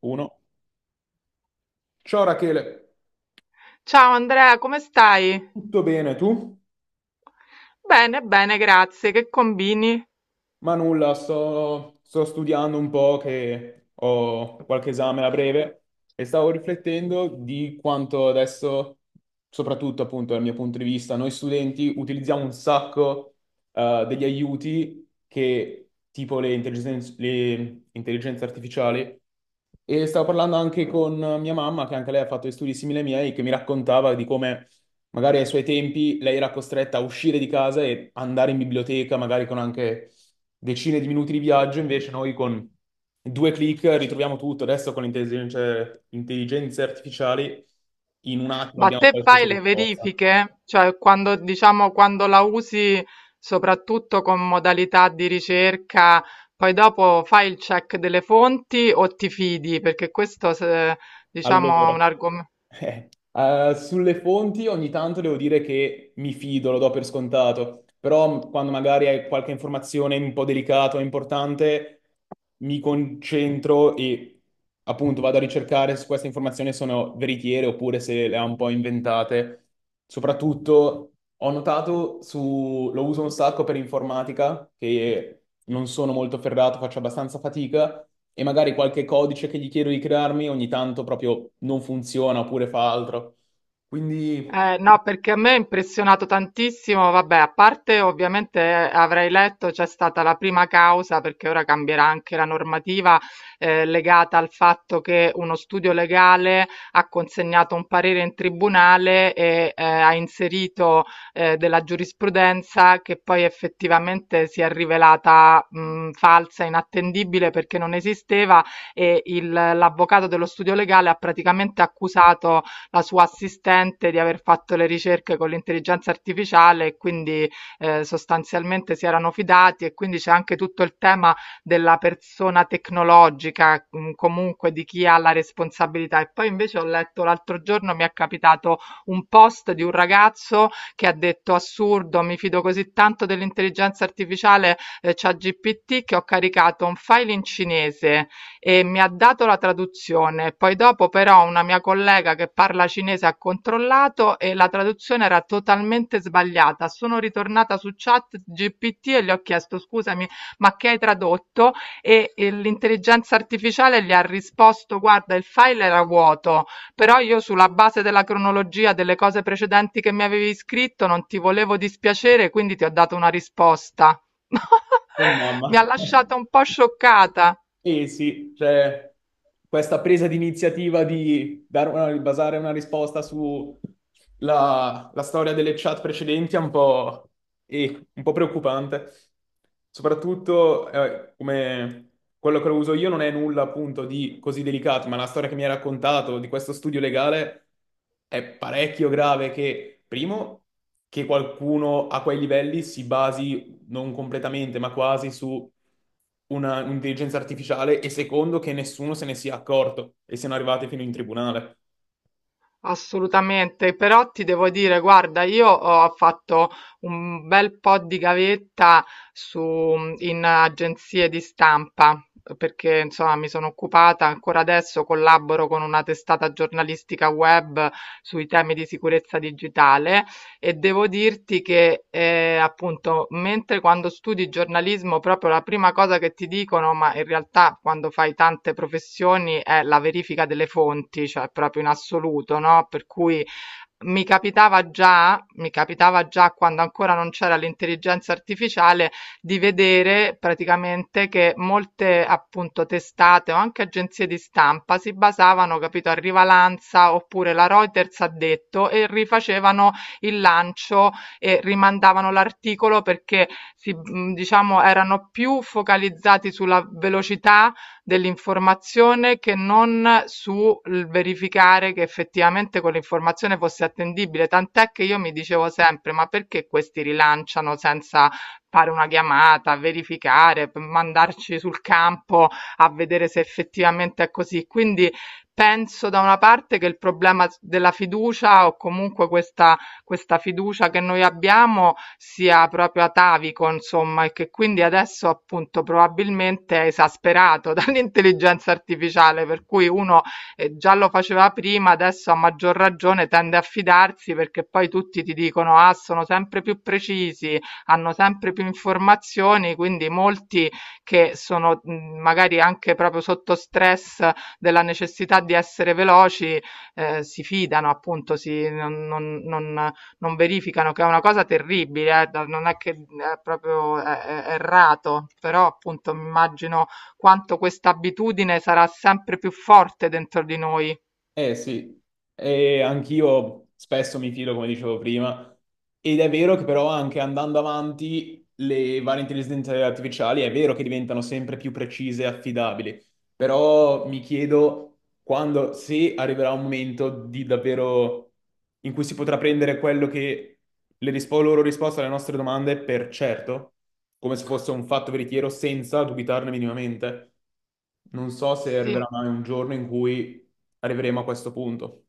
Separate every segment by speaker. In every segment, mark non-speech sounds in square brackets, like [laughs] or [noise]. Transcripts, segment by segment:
Speaker 1: Uno. Ciao Rachele,
Speaker 2: Ciao Andrea, come stai?
Speaker 1: tutto bene tu?
Speaker 2: Bene, bene, grazie. Che combini?
Speaker 1: Ma nulla, sto studiando un po' che ho qualche esame a breve e stavo riflettendo di quanto adesso, soprattutto appunto dal mio punto di vista, noi studenti utilizziamo un sacco degli aiuti che tipo le intelligenze artificiali e stavo parlando anche con mia mamma, che anche lei ha fatto degli studi simili ai miei, che mi raccontava di come magari ai suoi tempi lei era costretta a uscire di casa e andare in biblioteca, magari con anche decine di minuti di viaggio, invece noi con due clic ritroviamo tutto. Adesso con intelligenze artificiali in un attimo
Speaker 2: Ma
Speaker 1: abbiamo
Speaker 2: te
Speaker 1: qualsiasi
Speaker 2: fai le
Speaker 1: risposta.
Speaker 2: verifiche? Cioè, quando, diciamo, quando la usi soprattutto con modalità di ricerca, poi dopo fai il check delle fonti o ti fidi? Perché questo, diciamo,
Speaker 1: Allora,
Speaker 2: è
Speaker 1: [laughs]
Speaker 2: un argomento.
Speaker 1: sulle fonti ogni tanto devo dire che mi fido, lo do per scontato, però quando magari hai qualche informazione un po' delicata o importante, mi concentro e appunto vado a ricercare se queste informazioni sono veritiere oppure se le ha un po' inventate. Soprattutto ho notato lo uso un sacco per informatica, che non sono molto ferrato, faccio abbastanza fatica, e magari qualche codice che gli chiedo di crearmi ogni tanto proprio non funziona oppure fa altro. Quindi.
Speaker 2: No, perché a me ha impressionato tantissimo, vabbè, a parte ovviamente avrei letto c'è stata la prima causa, perché ora cambierà anche la normativa legata al fatto che uno studio legale ha consegnato un parere in tribunale e ha inserito della giurisprudenza che poi effettivamente si è rivelata falsa, inattendibile perché non esisteva e l'avvocato dello studio legale ha praticamente accusato la sua assistente di aver fatto le ricerche con l'intelligenza artificiale e quindi sostanzialmente si erano fidati e quindi c'è anche tutto il tema della persona tecnologica, comunque di chi ha la responsabilità. E poi invece ho letto l'altro giorno, mi è capitato un post di un ragazzo che ha detto assurdo, mi fido così tanto dell'intelligenza artificiale, ChatGPT, che ho caricato un file in cinese e mi ha dato la traduzione, poi dopo però una mia collega che parla cinese ha controllato e la traduzione era totalmente sbagliata. Sono ritornata su chat GPT e gli ho chiesto scusami, ma che hai tradotto? E l'intelligenza artificiale gli ha risposto guarda, il file era vuoto, però io sulla base della cronologia delle cose precedenti che mi avevi scritto non ti volevo dispiacere, quindi ti ho dato una risposta. [laughs]
Speaker 1: Oh mamma.
Speaker 2: Mi ha
Speaker 1: [laughs]
Speaker 2: lasciata un po' scioccata.
Speaker 1: Sì, sì, cioè questa presa di iniziativa di dare basare una risposta sulla storia delle chat precedenti è un po' preoccupante. Soprattutto come quello che uso io non è nulla appunto di così delicato, ma la storia che mi hai raccontato di questo studio legale è parecchio grave che, primo, che qualcuno a quei livelli si basi non completamente, ma quasi su un'intelligenza artificiale e secondo che nessuno se ne sia accorto e siano arrivate fino in tribunale.
Speaker 2: Assolutamente, però ti devo dire, guarda, io ho fatto un bel po' di gavetta su, in agenzie di stampa, perché insomma mi sono occupata, ancora adesso collaboro con una testata giornalistica web sui temi di sicurezza digitale e devo dirti che, appunto, mentre quando studi giornalismo proprio la prima cosa che ti dicono, ma in realtà quando fai tante professioni, è la verifica delle fonti, cioè proprio in assoluto, no, per cui mi capitava già quando ancora non c'era l'intelligenza artificiale di vedere praticamente che molte appunto testate o anche agenzie di stampa si basavano, capito, a Rivalanza oppure la Reuters ha detto e rifacevano il lancio e rimandavano l'articolo perché si, diciamo, erano più focalizzati sulla velocità dell'informazione che non sul verificare che effettivamente quell'informazione fosse attendibile. Tant'è che io mi dicevo sempre: ma perché questi rilanciano senza fare una chiamata, verificare, mandarci sul campo a vedere se effettivamente è così. Quindi penso da una parte che il problema della fiducia o comunque questa fiducia che noi abbiamo sia proprio atavico, insomma, e che quindi adesso appunto probabilmente è esasperato [laughs] dall'intelligenza artificiale, per cui uno già lo faceva prima, adesso a maggior ragione tende a fidarsi perché poi tutti ti dicono ah, sono sempre più precisi, hanno sempre più informazioni, quindi molti che sono magari anche proprio sotto stress della necessità di essere veloci, si fidano, appunto, si, non verificano, che è una cosa terribile, non è che è proprio è errato, però appunto mi immagino quanto questa abitudine sarà sempre più forte dentro di noi.
Speaker 1: Eh sì, e anch'io spesso mi fido, come dicevo prima, ed è vero che però anche andando avanti le varie intelligenze artificiali è vero che diventano sempre più precise e affidabili. Però mi chiedo quando, se arriverà un momento di davvero in cui si potrà prendere quello che loro risposte alle nostre domande per certo, come se fosse un fatto veritiero, senza dubitarne minimamente. Non so se arriverà
Speaker 2: Sì.
Speaker 1: mai un giorno in cui arriveremo a questo punto.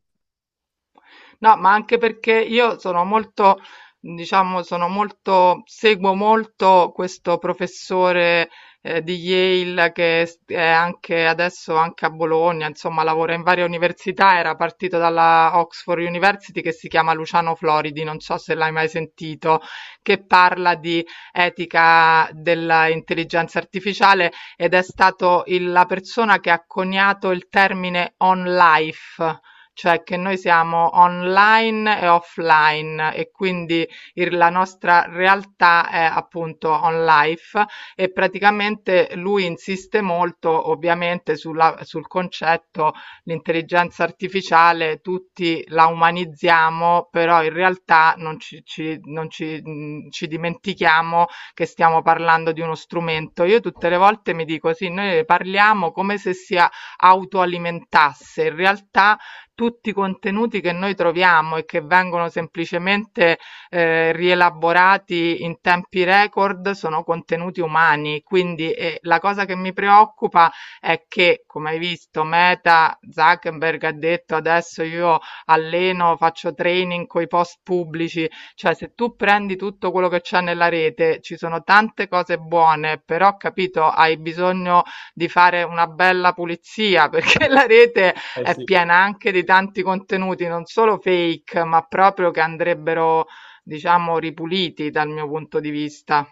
Speaker 2: No, ma anche perché io sono molto, diciamo, sono molto, seguo molto questo professore di Yale che è anche adesso anche a Bologna, insomma, lavora in varie università, era partito dalla Oxford University, che si chiama Luciano Floridi, non so se l'hai mai sentito, che parla di etica dell'intelligenza artificiale ed è stato la persona che ha coniato il termine on life, cioè che noi siamo online e offline e quindi la nostra realtà è appunto on life e praticamente lui insiste molto ovviamente sul concetto l'intelligenza artificiale, tutti la umanizziamo, però in realtà non ci, ci- non ci, ci dimentichiamo che stiamo parlando di uno strumento. Io tutte le volte mi dico sì, noi ne parliamo come se si autoalimentasse, in realtà tutti i contenuti che noi troviamo e che vengono semplicemente rielaborati in tempi record sono contenuti umani. Quindi la cosa che mi preoccupa è che, come hai visto, Meta Zuckerberg ha detto adesso io alleno, faccio training con i post pubblici, cioè se tu prendi tutto quello che c'è nella rete, ci sono tante cose buone, però capito, hai bisogno di fare una bella pulizia [laughs] perché la rete
Speaker 1: Eh
Speaker 2: è
Speaker 1: sì.
Speaker 2: piena anche di tanti contenuti non solo fake, ma proprio che andrebbero, diciamo, ripuliti dal mio punto di vista.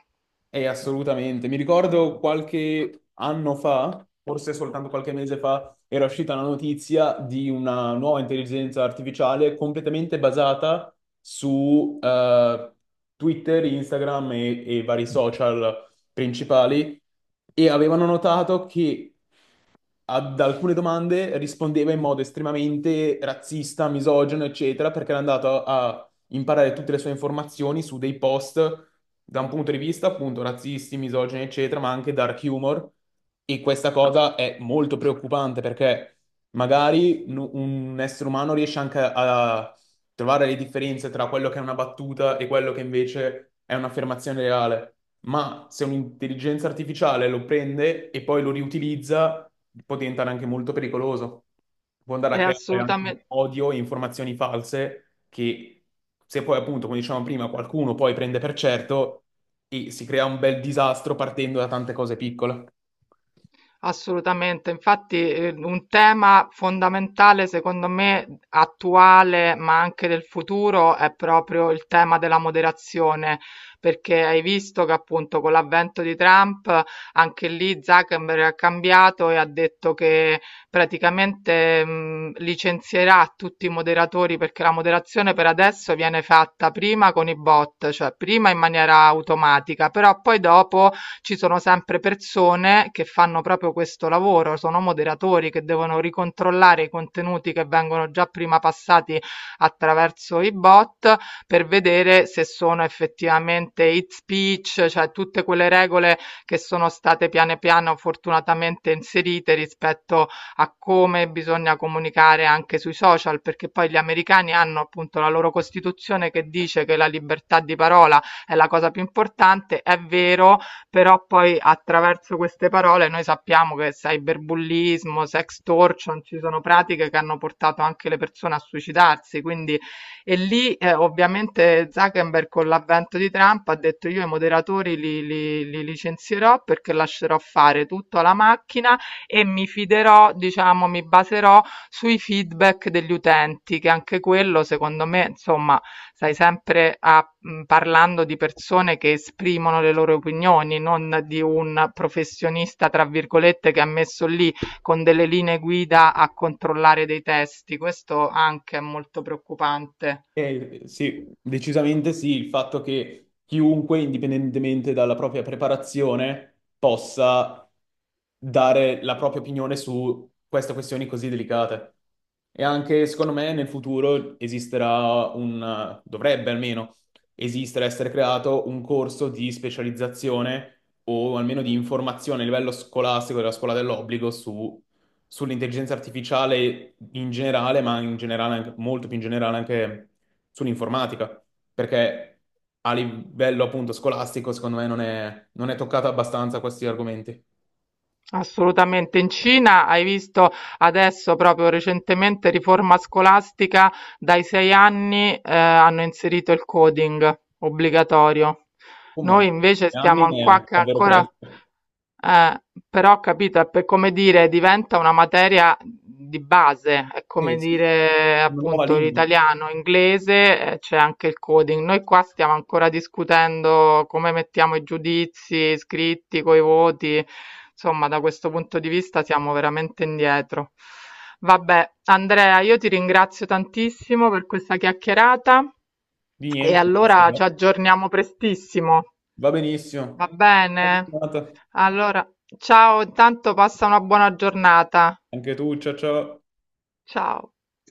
Speaker 1: Assolutamente. Mi ricordo qualche anno fa, forse soltanto qualche mese fa, era uscita la notizia di una nuova intelligenza artificiale completamente basata su Twitter, Instagram e vari social principali e avevano notato che ad alcune domande rispondeva in modo estremamente razzista, misogino, eccetera, perché era andato a imparare tutte le sue informazioni su dei post da un punto di vista appunto razzisti, misogini, eccetera, ma anche dark humor. E questa cosa è molto preoccupante perché magari un essere umano riesce anche a trovare le differenze tra quello che è una battuta e quello che invece è un'affermazione reale. Ma se un'intelligenza artificiale lo prende e poi lo riutilizza, può diventare anche molto pericoloso. Può andare a
Speaker 2: È
Speaker 1: creare anche
Speaker 2: assolutame
Speaker 1: odio e informazioni false che se poi appunto, come dicevamo prima, qualcuno poi prende per certo e si crea un bel disastro partendo da tante cose piccole.
Speaker 2: Assolutamente, infatti un tema fondamentale secondo me attuale ma anche del futuro è proprio il tema della moderazione, perché hai visto che appunto con l'avvento di Trump anche lì Zuckerberg ha cambiato e ha detto che praticamente, licenzierà tutti i moderatori perché la moderazione per adesso viene fatta prima con i bot, cioè prima in maniera automatica, però poi dopo ci sono sempre persone che fanno proprio questo lavoro, sono moderatori che devono ricontrollare i contenuti che vengono già prima passati attraverso i bot per vedere se sono effettivamente hate speech, cioè tutte quelle regole che sono state piano piano fortunatamente inserite rispetto a come bisogna comunicare anche sui social, perché poi gli americani hanno appunto la loro costituzione che dice che la libertà di parola è la cosa più importante, è vero, però poi attraverso queste parole noi sappiamo che cyberbullismo, sextortion, ci sono pratiche che hanno portato anche le persone a suicidarsi, quindi e lì ovviamente Zuckerberg con l'avvento di Trump ha detto io i moderatori li licenzierò perché lascerò fare tutto alla macchina e mi fiderò, diciamo, mi baserò sui feedback degli utenti, che anche quello secondo me, insomma, sai sempre a parlando di persone che esprimono le loro opinioni, non di un professionista, tra virgolette, che ha messo lì con delle linee guida a controllare dei testi. Questo anche è molto preoccupante.
Speaker 1: Sì, decisamente sì, il fatto che chiunque, indipendentemente dalla propria preparazione, possa dare la propria opinione su queste questioni così delicate. E anche, secondo me, nel futuro esisterà dovrebbe almeno esistere, essere creato un corso di specializzazione o almeno di informazione a livello scolastico della scuola dell'obbligo su sull'intelligenza artificiale in generale, ma in generale molto più in generale anche sull'informatica, perché a livello appunto scolastico, secondo me, non è toccata abbastanza questi argomenti.
Speaker 2: Assolutamente. In Cina hai visto adesso proprio recentemente riforma scolastica, dai 6 anni, hanno inserito il coding obbligatorio.
Speaker 1: Oh
Speaker 2: Noi
Speaker 1: mamma,
Speaker 2: invece
Speaker 1: 3 anni
Speaker 2: stiamo an- qua
Speaker 1: è
Speaker 2: che
Speaker 1: davvero
Speaker 2: ancora,
Speaker 1: presto.
Speaker 2: eh, però ho capito, è per come dire, diventa una materia di base, è
Speaker 1: Eh
Speaker 2: come
Speaker 1: sì,
Speaker 2: dire
Speaker 1: una nuova
Speaker 2: appunto
Speaker 1: lingua.
Speaker 2: l'italiano, inglese, c'è anche il coding. Noi qua stiamo ancora discutendo come mettiamo i giudizi scritti coi voti, insomma, da questo punto di vista siamo veramente indietro. Vabbè, Andrea, io ti ringrazio tantissimo per questa chiacchierata
Speaker 1: Di
Speaker 2: e
Speaker 1: niente, grazie a
Speaker 2: allora
Speaker 1: te.
Speaker 2: ci aggiorniamo prestissimo.
Speaker 1: Va benissimo.
Speaker 2: Va
Speaker 1: Buona
Speaker 2: bene?
Speaker 1: giornata.
Speaker 2: Allora, ciao, intanto passa una buona giornata.
Speaker 1: Anche tu, ciao ciao.
Speaker 2: Ciao.